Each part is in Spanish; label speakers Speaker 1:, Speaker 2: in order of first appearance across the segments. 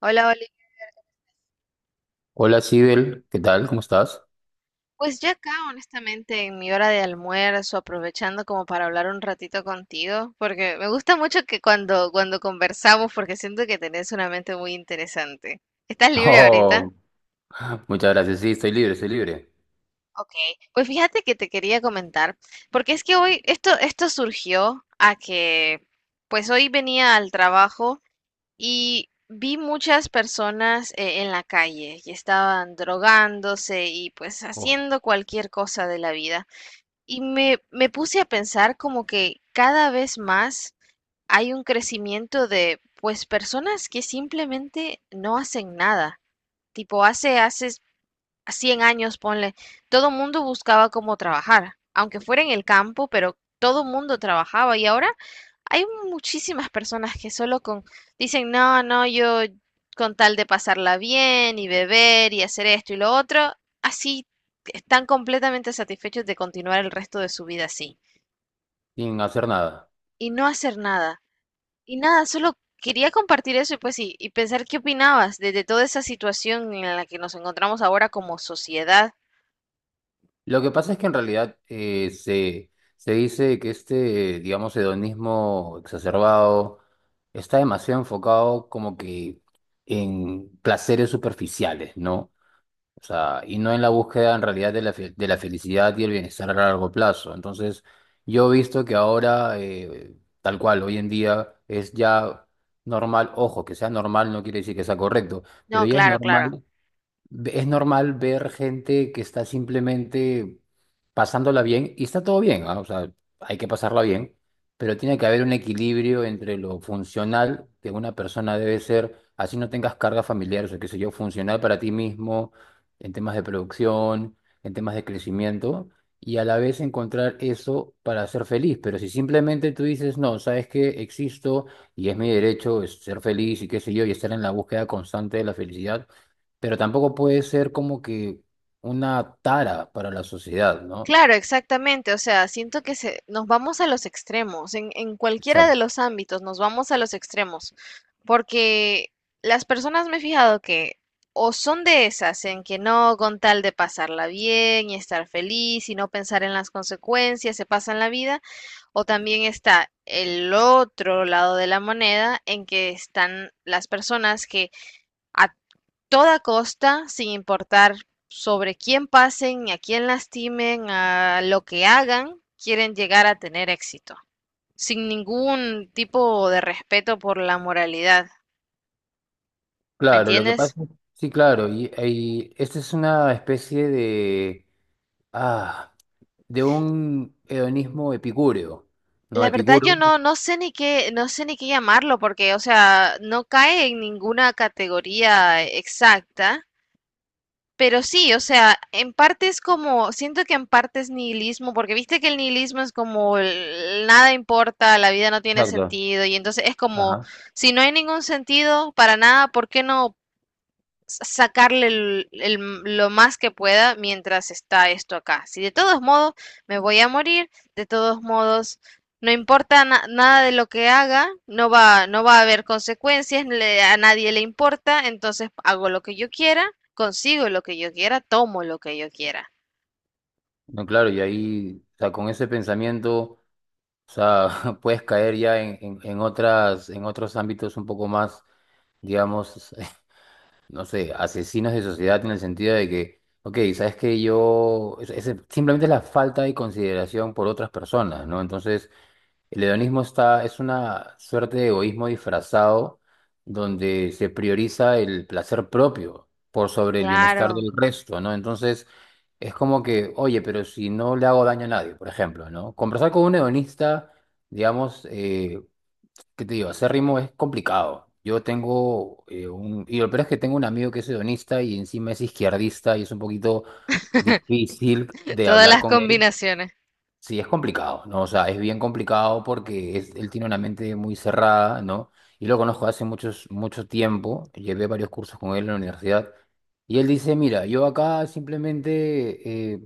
Speaker 1: Hola, Oli.
Speaker 2: Hola, Sibel, ¿qué tal? ¿Cómo estás?
Speaker 1: Pues ya acá, honestamente, en mi hora de almuerzo, aprovechando como para hablar un ratito contigo, porque me gusta mucho que cuando conversamos, porque siento que tenés una mente muy interesante. ¿Estás libre ahorita?
Speaker 2: Oh, muchas gracias. Sí, estoy libre, estoy libre.
Speaker 1: Ok, pues fíjate que te quería comentar, porque es que hoy esto surgió a que, pues hoy venía al trabajo y vi muchas personas en la calle y estaban drogándose y pues
Speaker 2: Oh,
Speaker 1: haciendo cualquier cosa de la vida. Y me puse a pensar como que cada vez más hay un crecimiento de, pues, personas que simplemente no hacen nada. Tipo, hace 100 años, ponle, todo mundo buscaba cómo trabajar, aunque fuera en el campo, pero todo mundo trabajaba y ahora hay muchísimas personas que solo con dicen, no, no, yo con tal de pasarla bien y beber y hacer esto y lo otro, así están completamente satisfechos de continuar el resto de su vida así
Speaker 2: sin hacer nada.
Speaker 1: y no hacer nada. Y nada, solo quería compartir eso y pues sí, y pensar qué opinabas de toda esa situación en la que nos encontramos ahora como sociedad.
Speaker 2: Lo que pasa es que en realidad se dice que este, digamos, hedonismo exacerbado está demasiado enfocado como que en placeres superficiales, ¿no? O sea, y no en la búsqueda en realidad de de la felicidad y el bienestar a largo plazo. Entonces, yo he visto que ahora, tal cual, hoy en día es ya normal, ojo, que sea normal no quiere decir que sea correcto, pero
Speaker 1: No,
Speaker 2: ya es
Speaker 1: claro, claro.
Speaker 2: normal es normal ver gente que está simplemente pasándola bien y está todo bien, ¿ah? O sea, hay que pasarla bien, pero tiene que haber un equilibrio entre lo funcional que una persona debe ser, así no tengas cargas familiares o qué sé yo, funcional para ti mismo, en temas de producción, en temas de crecimiento, y a la vez encontrar eso para ser feliz. Pero si simplemente tú dices, no, sabes que existo y es mi derecho es ser feliz y qué sé yo, y estar en la búsqueda constante de la felicidad, pero tampoco puede ser como que una tara para la sociedad, ¿no?
Speaker 1: Claro, exactamente. O sea, siento que nos vamos a los extremos. En cualquiera de
Speaker 2: Exacto.
Speaker 1: los ámbitos nos vamos a los extremos. Porque las personas me he fijado que o son de esas en que no, con tal de pasarla bien y estar feliz y no pensar en las consecuencias, se pasan la vida, o también está el otro lado de la moneda en que están las personas que a toda costa, sin importar sobre quién pasen, ni a quién lastimen, a lo que hagan, quieren llegar a tener éxito, sin ningún tipo de respeto por la moralidad, ¿me
Speaker 2: Claro, lo que pasa,
Speaker 1: entiendes?
Speaker 2: sí, claro, y esta es una especie de, ah, de un hedonismo epicúreo, ¿no?
Speaker 1: La verdad yo
Speaker 2: Epicuro.
Speaker 1: no sé ni qué, no sé ni qué llamarlo, porque, o sea, no cae en ninguna categoría exacta. Pero sí, o sea, en parte es como, siento que en parte es nihilismo, porque viste que el nihilismo es como nada importa, la vida no tiene
Speaker 2: Exacto.
Speaker 1: sentido, y entonces es como,
Speaker 2: Ajá.
Speaker 1: si no hay ningún sentido para nada, ¿por qué no? Sacarle lo más que pueda mientras está esto acá. Si de todos modos me voy a morir, de todos modos no importa nada de lo que haga, no va a haber consecuencias, a nadie le importa, entonces hago lo que yo quiera, consigo lo que yo quiera, tomo lo que yo quiera.
Speaker 2: No, claro, y ahí, o sea, con ese pensamiento, o sea, puedes caer ya en otras, en otros ámbitos un poco más, digamos, no sé, asesinos de sociedad en el sentido de que, ok, sabes que yo, simplemente es la falta de consideración por otras personas, ¿no? Entonces, el hedonismo está, es una suerte de egoísmo disfrazado donde se prioriza el placer propio por sobre el bienestar
Speaker 1: Claro,
Speaker 2: del resto, ¿no? Entonces, es como que, oye, pero si no le hago daño a nadie, por ejemplo, ¿no? Conversar con un hedonista, digamos, ¿qué te digo? Hacer ritmo es complicado. Yo tengo un... Y lo peor es que tengo un amigo que es hedonista y encima es izquierdista y es un poquito difícil
Speaker 1: de
Speaker 2: de
Speaker 1: todas
Speaker 2: hablar
Speaker 1: las
Speaker 2: con él.
Speaker 1: combinaciones.
Speaker 2: Sí, es complicado, ¿no? O sea, es bien complicado porque él tiene una mente muy cerrada, ¿no? Y lo conozco hace muchos, mucho tiempo, llevé varios cursos con él en la universidad, y él dice, mira, yo acá simplemente,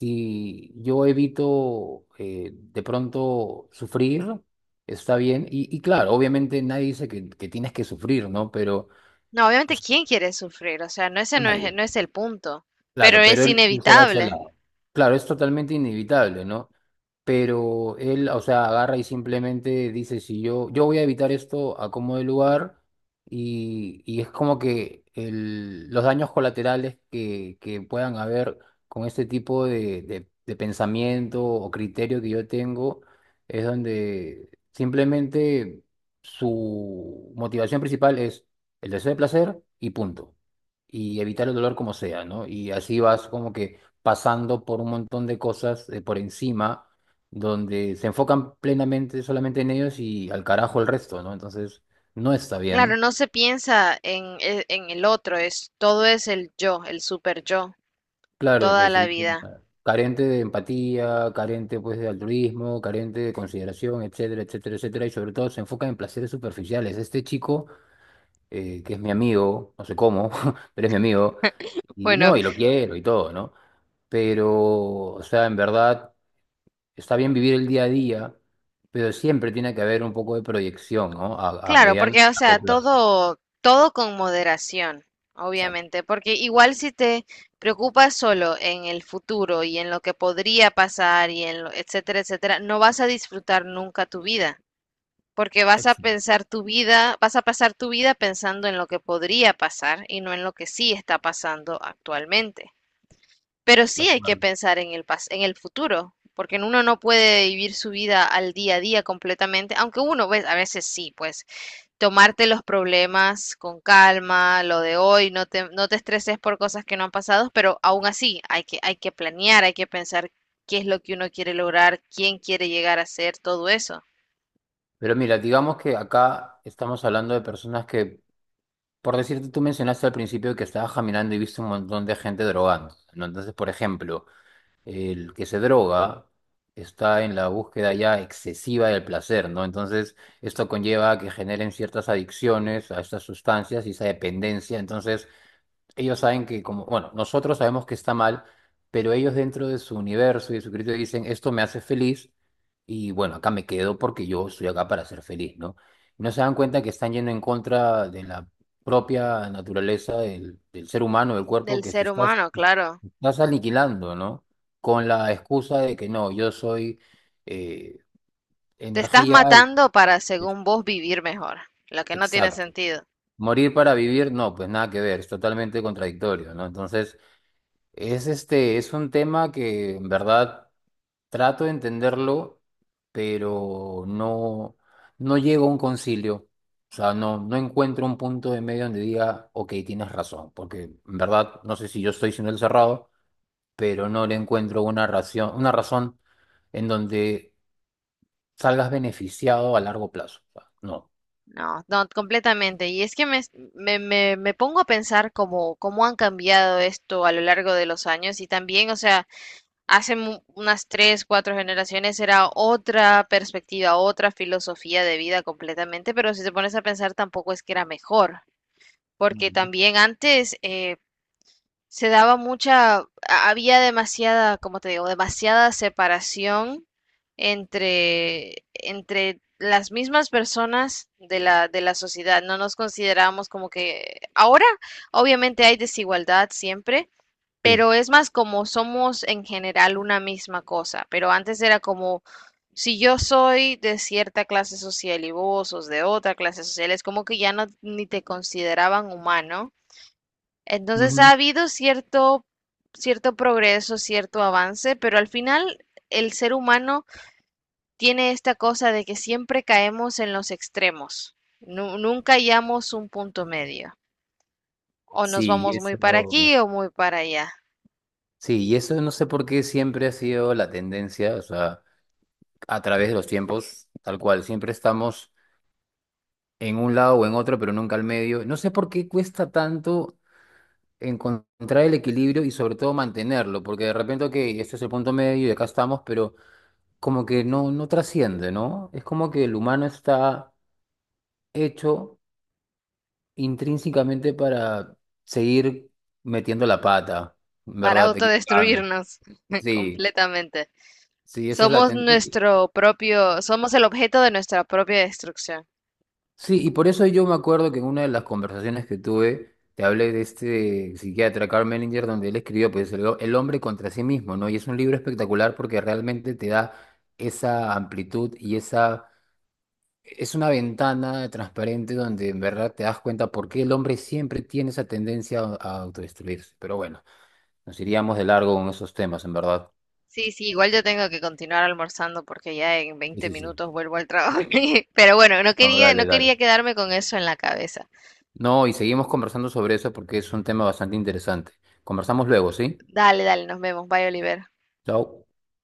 Speaker 2: si yo evito de pronto sufrir, está bien, y claro, obviamente nadie dice que tienes que sufrir, ¿no? Pero
Speaker 1: No,
Speaker 2: o
Speaker 1: obviamente,
Speaker 2: sea,
Speaker 1: ¿quién quiere sufrir? O sea, no, ese no es,
Speaker 2: nadie.
Speaker 1: no es el punto, pero
Speaker 2: Claro,
Speaker 1: es
Speaker 2: pero él no se va a ese
Speaker 1: inevitable.
Speaker 2: lado. Claro, es totalmente inevitable, ¿no? Pero él, o sea, agarra y simplemente dice, si yo voy a evitar esto a como de lugar, y es como que los daños colaterales que puedan haber con este tipo de pensamiento o criterio que yo tengo, es donde simplemente su motivación principal es el deseo de placer y punto y evitar el dolor como sea, ¿no? Y así vas como que pasando por un montón de cosas por encima, donde se enfocan plenamente solamente en ellos y al carajo el resto, ¿no? Entonces, no está
Speaker 1: Claro,
Speaker 2: bien.
Speaker 1: no se piensa en, en el otro, es todo es el yo, el super yo,
Speaker 2: Claro,
Speaker 1: toda
Speaker 2: pues
Speaker 1: la
Speaker 2: sí,
Speaker 1: vida.
Speaker 2: carente de empatía, carente pues de altruismo, carente de consideración, etcétera, etcétera, etcétera, y sobre todo se enfoca en placeres superficiales. Este chico, que es mi amigo, no sé cómo, pero es mi amigo, y
Speaker 1: Bueno,
Speaker 2: no, y lo quiero y todo, ¿no? Pero, o sea, en verdad... está bien vivir el día a día, pero siempre tiene que haber un poco de proyección, ¿no? A
Speaker 1: claro,
Speaker 2: mediano y
Speaker 1: porque o sea,
Speaker 2: largo plazo.
Speaker 1: todo, todo con moderación,
Speaker 2: Exacto,
Speaker 1: obviamente, porque igual si te preocupas solo en el futuro y en lo que podría pasar y en lo, etcétera, etcétera, no vas a disfrutar nunca tu vida, porque vas a
Speaker 2: exacto,
Speaker 1: pensar tu vida, vas a pasar tu vida pensando en lo que podría pasar y no en lo que sí está pasando actualmente. Pero
Speaker 2: de
Speaker 1: sí hay que
Speaker 2: acuerdo.
Speaker 1: pensar en en el futuro, porque uno no puede vivir su vida al día a día completamente, aunque uno, pues, a veces sí, pues, tomarte los problemas con calma, lo de hoy, no te estreses por cosas que no han pasado, pero aún así hay que planear, hay que pensar qué es lo que uno quiere lograr, quién quiere llegar a ser, todo eso.
Speaker 2: Pero mira, digamos que acá estamos hablando de personas que, por decirte, tú mencionaste al principio que estabas caminando y viste un montón de gente drogando, ¿no? Entonces, por ejemplo, el que se droga está en la búsqueda ya excesiva del placer, ¿no? Entonces, esto conlleva a que generen ciertas adicciones a estas sustancias y esa dependencia. Entonces, ellos saben que, como, bueno, nosotros sabemos que está mal, pero ellos dentro de su universo y de su criterio dicen, esto me hace feliz y bueno, acá me quedo porque yo estoy acá para ser feliz, ¿no? Y no se dan cuenta que están yendo en contra de la propia naturaleza del ser humano, del cuerpo,
Speaker 1: Del
Speaker 2: que
Speaker 1: ser humano, claro.
Speaker 2: te estás aniquilando, ¿no? Con la excusa de que no, yo soy eh,
Speaker 1: Te estás
Speaker 2: energía y...
Speaker 1: matando para, según vos, vivir mejor, lo que no tiene
Speaker 2: Exacto.
Speaker 1: sentido.
Speaker 2: Morir para vivir, no, pues nada que ver, es totalmente contradictorio, ¿no? Entonces... es este, es un tema que en verdad trato de entenderlo, pero no, no llego a un concilio. O sea, no, no encuentro un punto de medio donde diga, ok, tienes razón, porque en verdad no sé si yo estoy siendo el cerrado, pero no le encuentro una razón en donde salgas beneficiado a largo plazo. O sea, no.
Speaker 1: No, no, completamente. Y es que me pongo a pensar cómo han cambiado esto a lo largo de los años y también, o sea, hace unas tres, cuatro generaciones era otra perspectiva, otra filosofía de vida completamente, pero si te pones a pensar tampoco es que era mejor, porque
Speaker 2: Ujú.
Speaker 1: también antes, se daba mucha, había demasiada, como te digo, demasiada separación entre las mismas personas de la sociedad. No nos considerábamos como que ahora, obviamente hay desigualdad siempre,
Speaker 2: Sí.
Speaker 1: pero es más como somos en general una misma cosa. Pero antes era como, si yo soy de cierta clase social y vos sos de otra clase social, es como que ya no ni te consideraban humano, entonces ha
Speaker 2: Ujú.
Speaker 1: habido cierto, cierto progreso, cierto avance, pero al final el ser humano tiene esta cosa de que siempre caemos en los extremos. Nunca hallamos un punto medio. O nos
Speaker 2: Sí,
Speaker 1: vamos muy para
Speaker 2: eso.
Speaker 1: aquí o muy para allá,
Speaker 2: Sí, y eso no sé por qué siempre ha sido la tendencia, o sea, a través de los tiempos, tal cual. Siempre estamos en un lado o en otro, pero nunca al medio. No sé por qué cuesta tanto encontrar el equilibrio y sobre todo mantenerlo, porque de repente, ok, este es el punto medio y acá estamos, pero como que no, no trasciende, ¿no? Es como que el humano está hecho intrínsecamente para seguir metiendo la pata,
Speaker 1: para
Speaker 2: ¿verdad? Equivocando.
Speaker 1: autodestruirnos
Speaker 2: Sí,
Speaker 1: completamente.
Speaker 2: sí, esa es la
Speaker 1: Somos
Speaker 2: tendencia.
Speaker 1: nuestro propio, somos el objeto de nuestra propia destrucción.
Speaker 2: Sí, y por eso yo me acuerdo que en una de las conversaciones que tuve, te hablé de este psiquiatra Carl Menninger, donde él escribió pues, el hombre contra sí mismo, ¿no? Y es un libro espectacular porque realmente te da esa amplitud y esa... es una ventana transparente donde en verdad te das cuenta por qué el hombre siempre tiene esa tendencia a autodestruirse. Pero bueno, nos iríamos de largo con esos temas, en verdad.
Speaker 1: Sí, sí, igual yo tengo que continuar almorzando porque ya en
Speaker 2: Sí,
Speaker 1: 20
Speaker 2: sí, sí.
Speaker 1: minutos vuelvo al trabajo. Pero bueno, no
Speaker 2: No,
Speaker 1: quería, no
Speaker 2: dale, dale.
Speaker 1: quería quedarme con eso en la cabeza.
Speaker 2: No, y seguimos conversando sobre eso porque es un tema bastante interesante. Conversamos luego, ¿sí?
Speaker 1: Dale, dale, nos vemos. Bye, Oliver.
Speaker 2: Chao.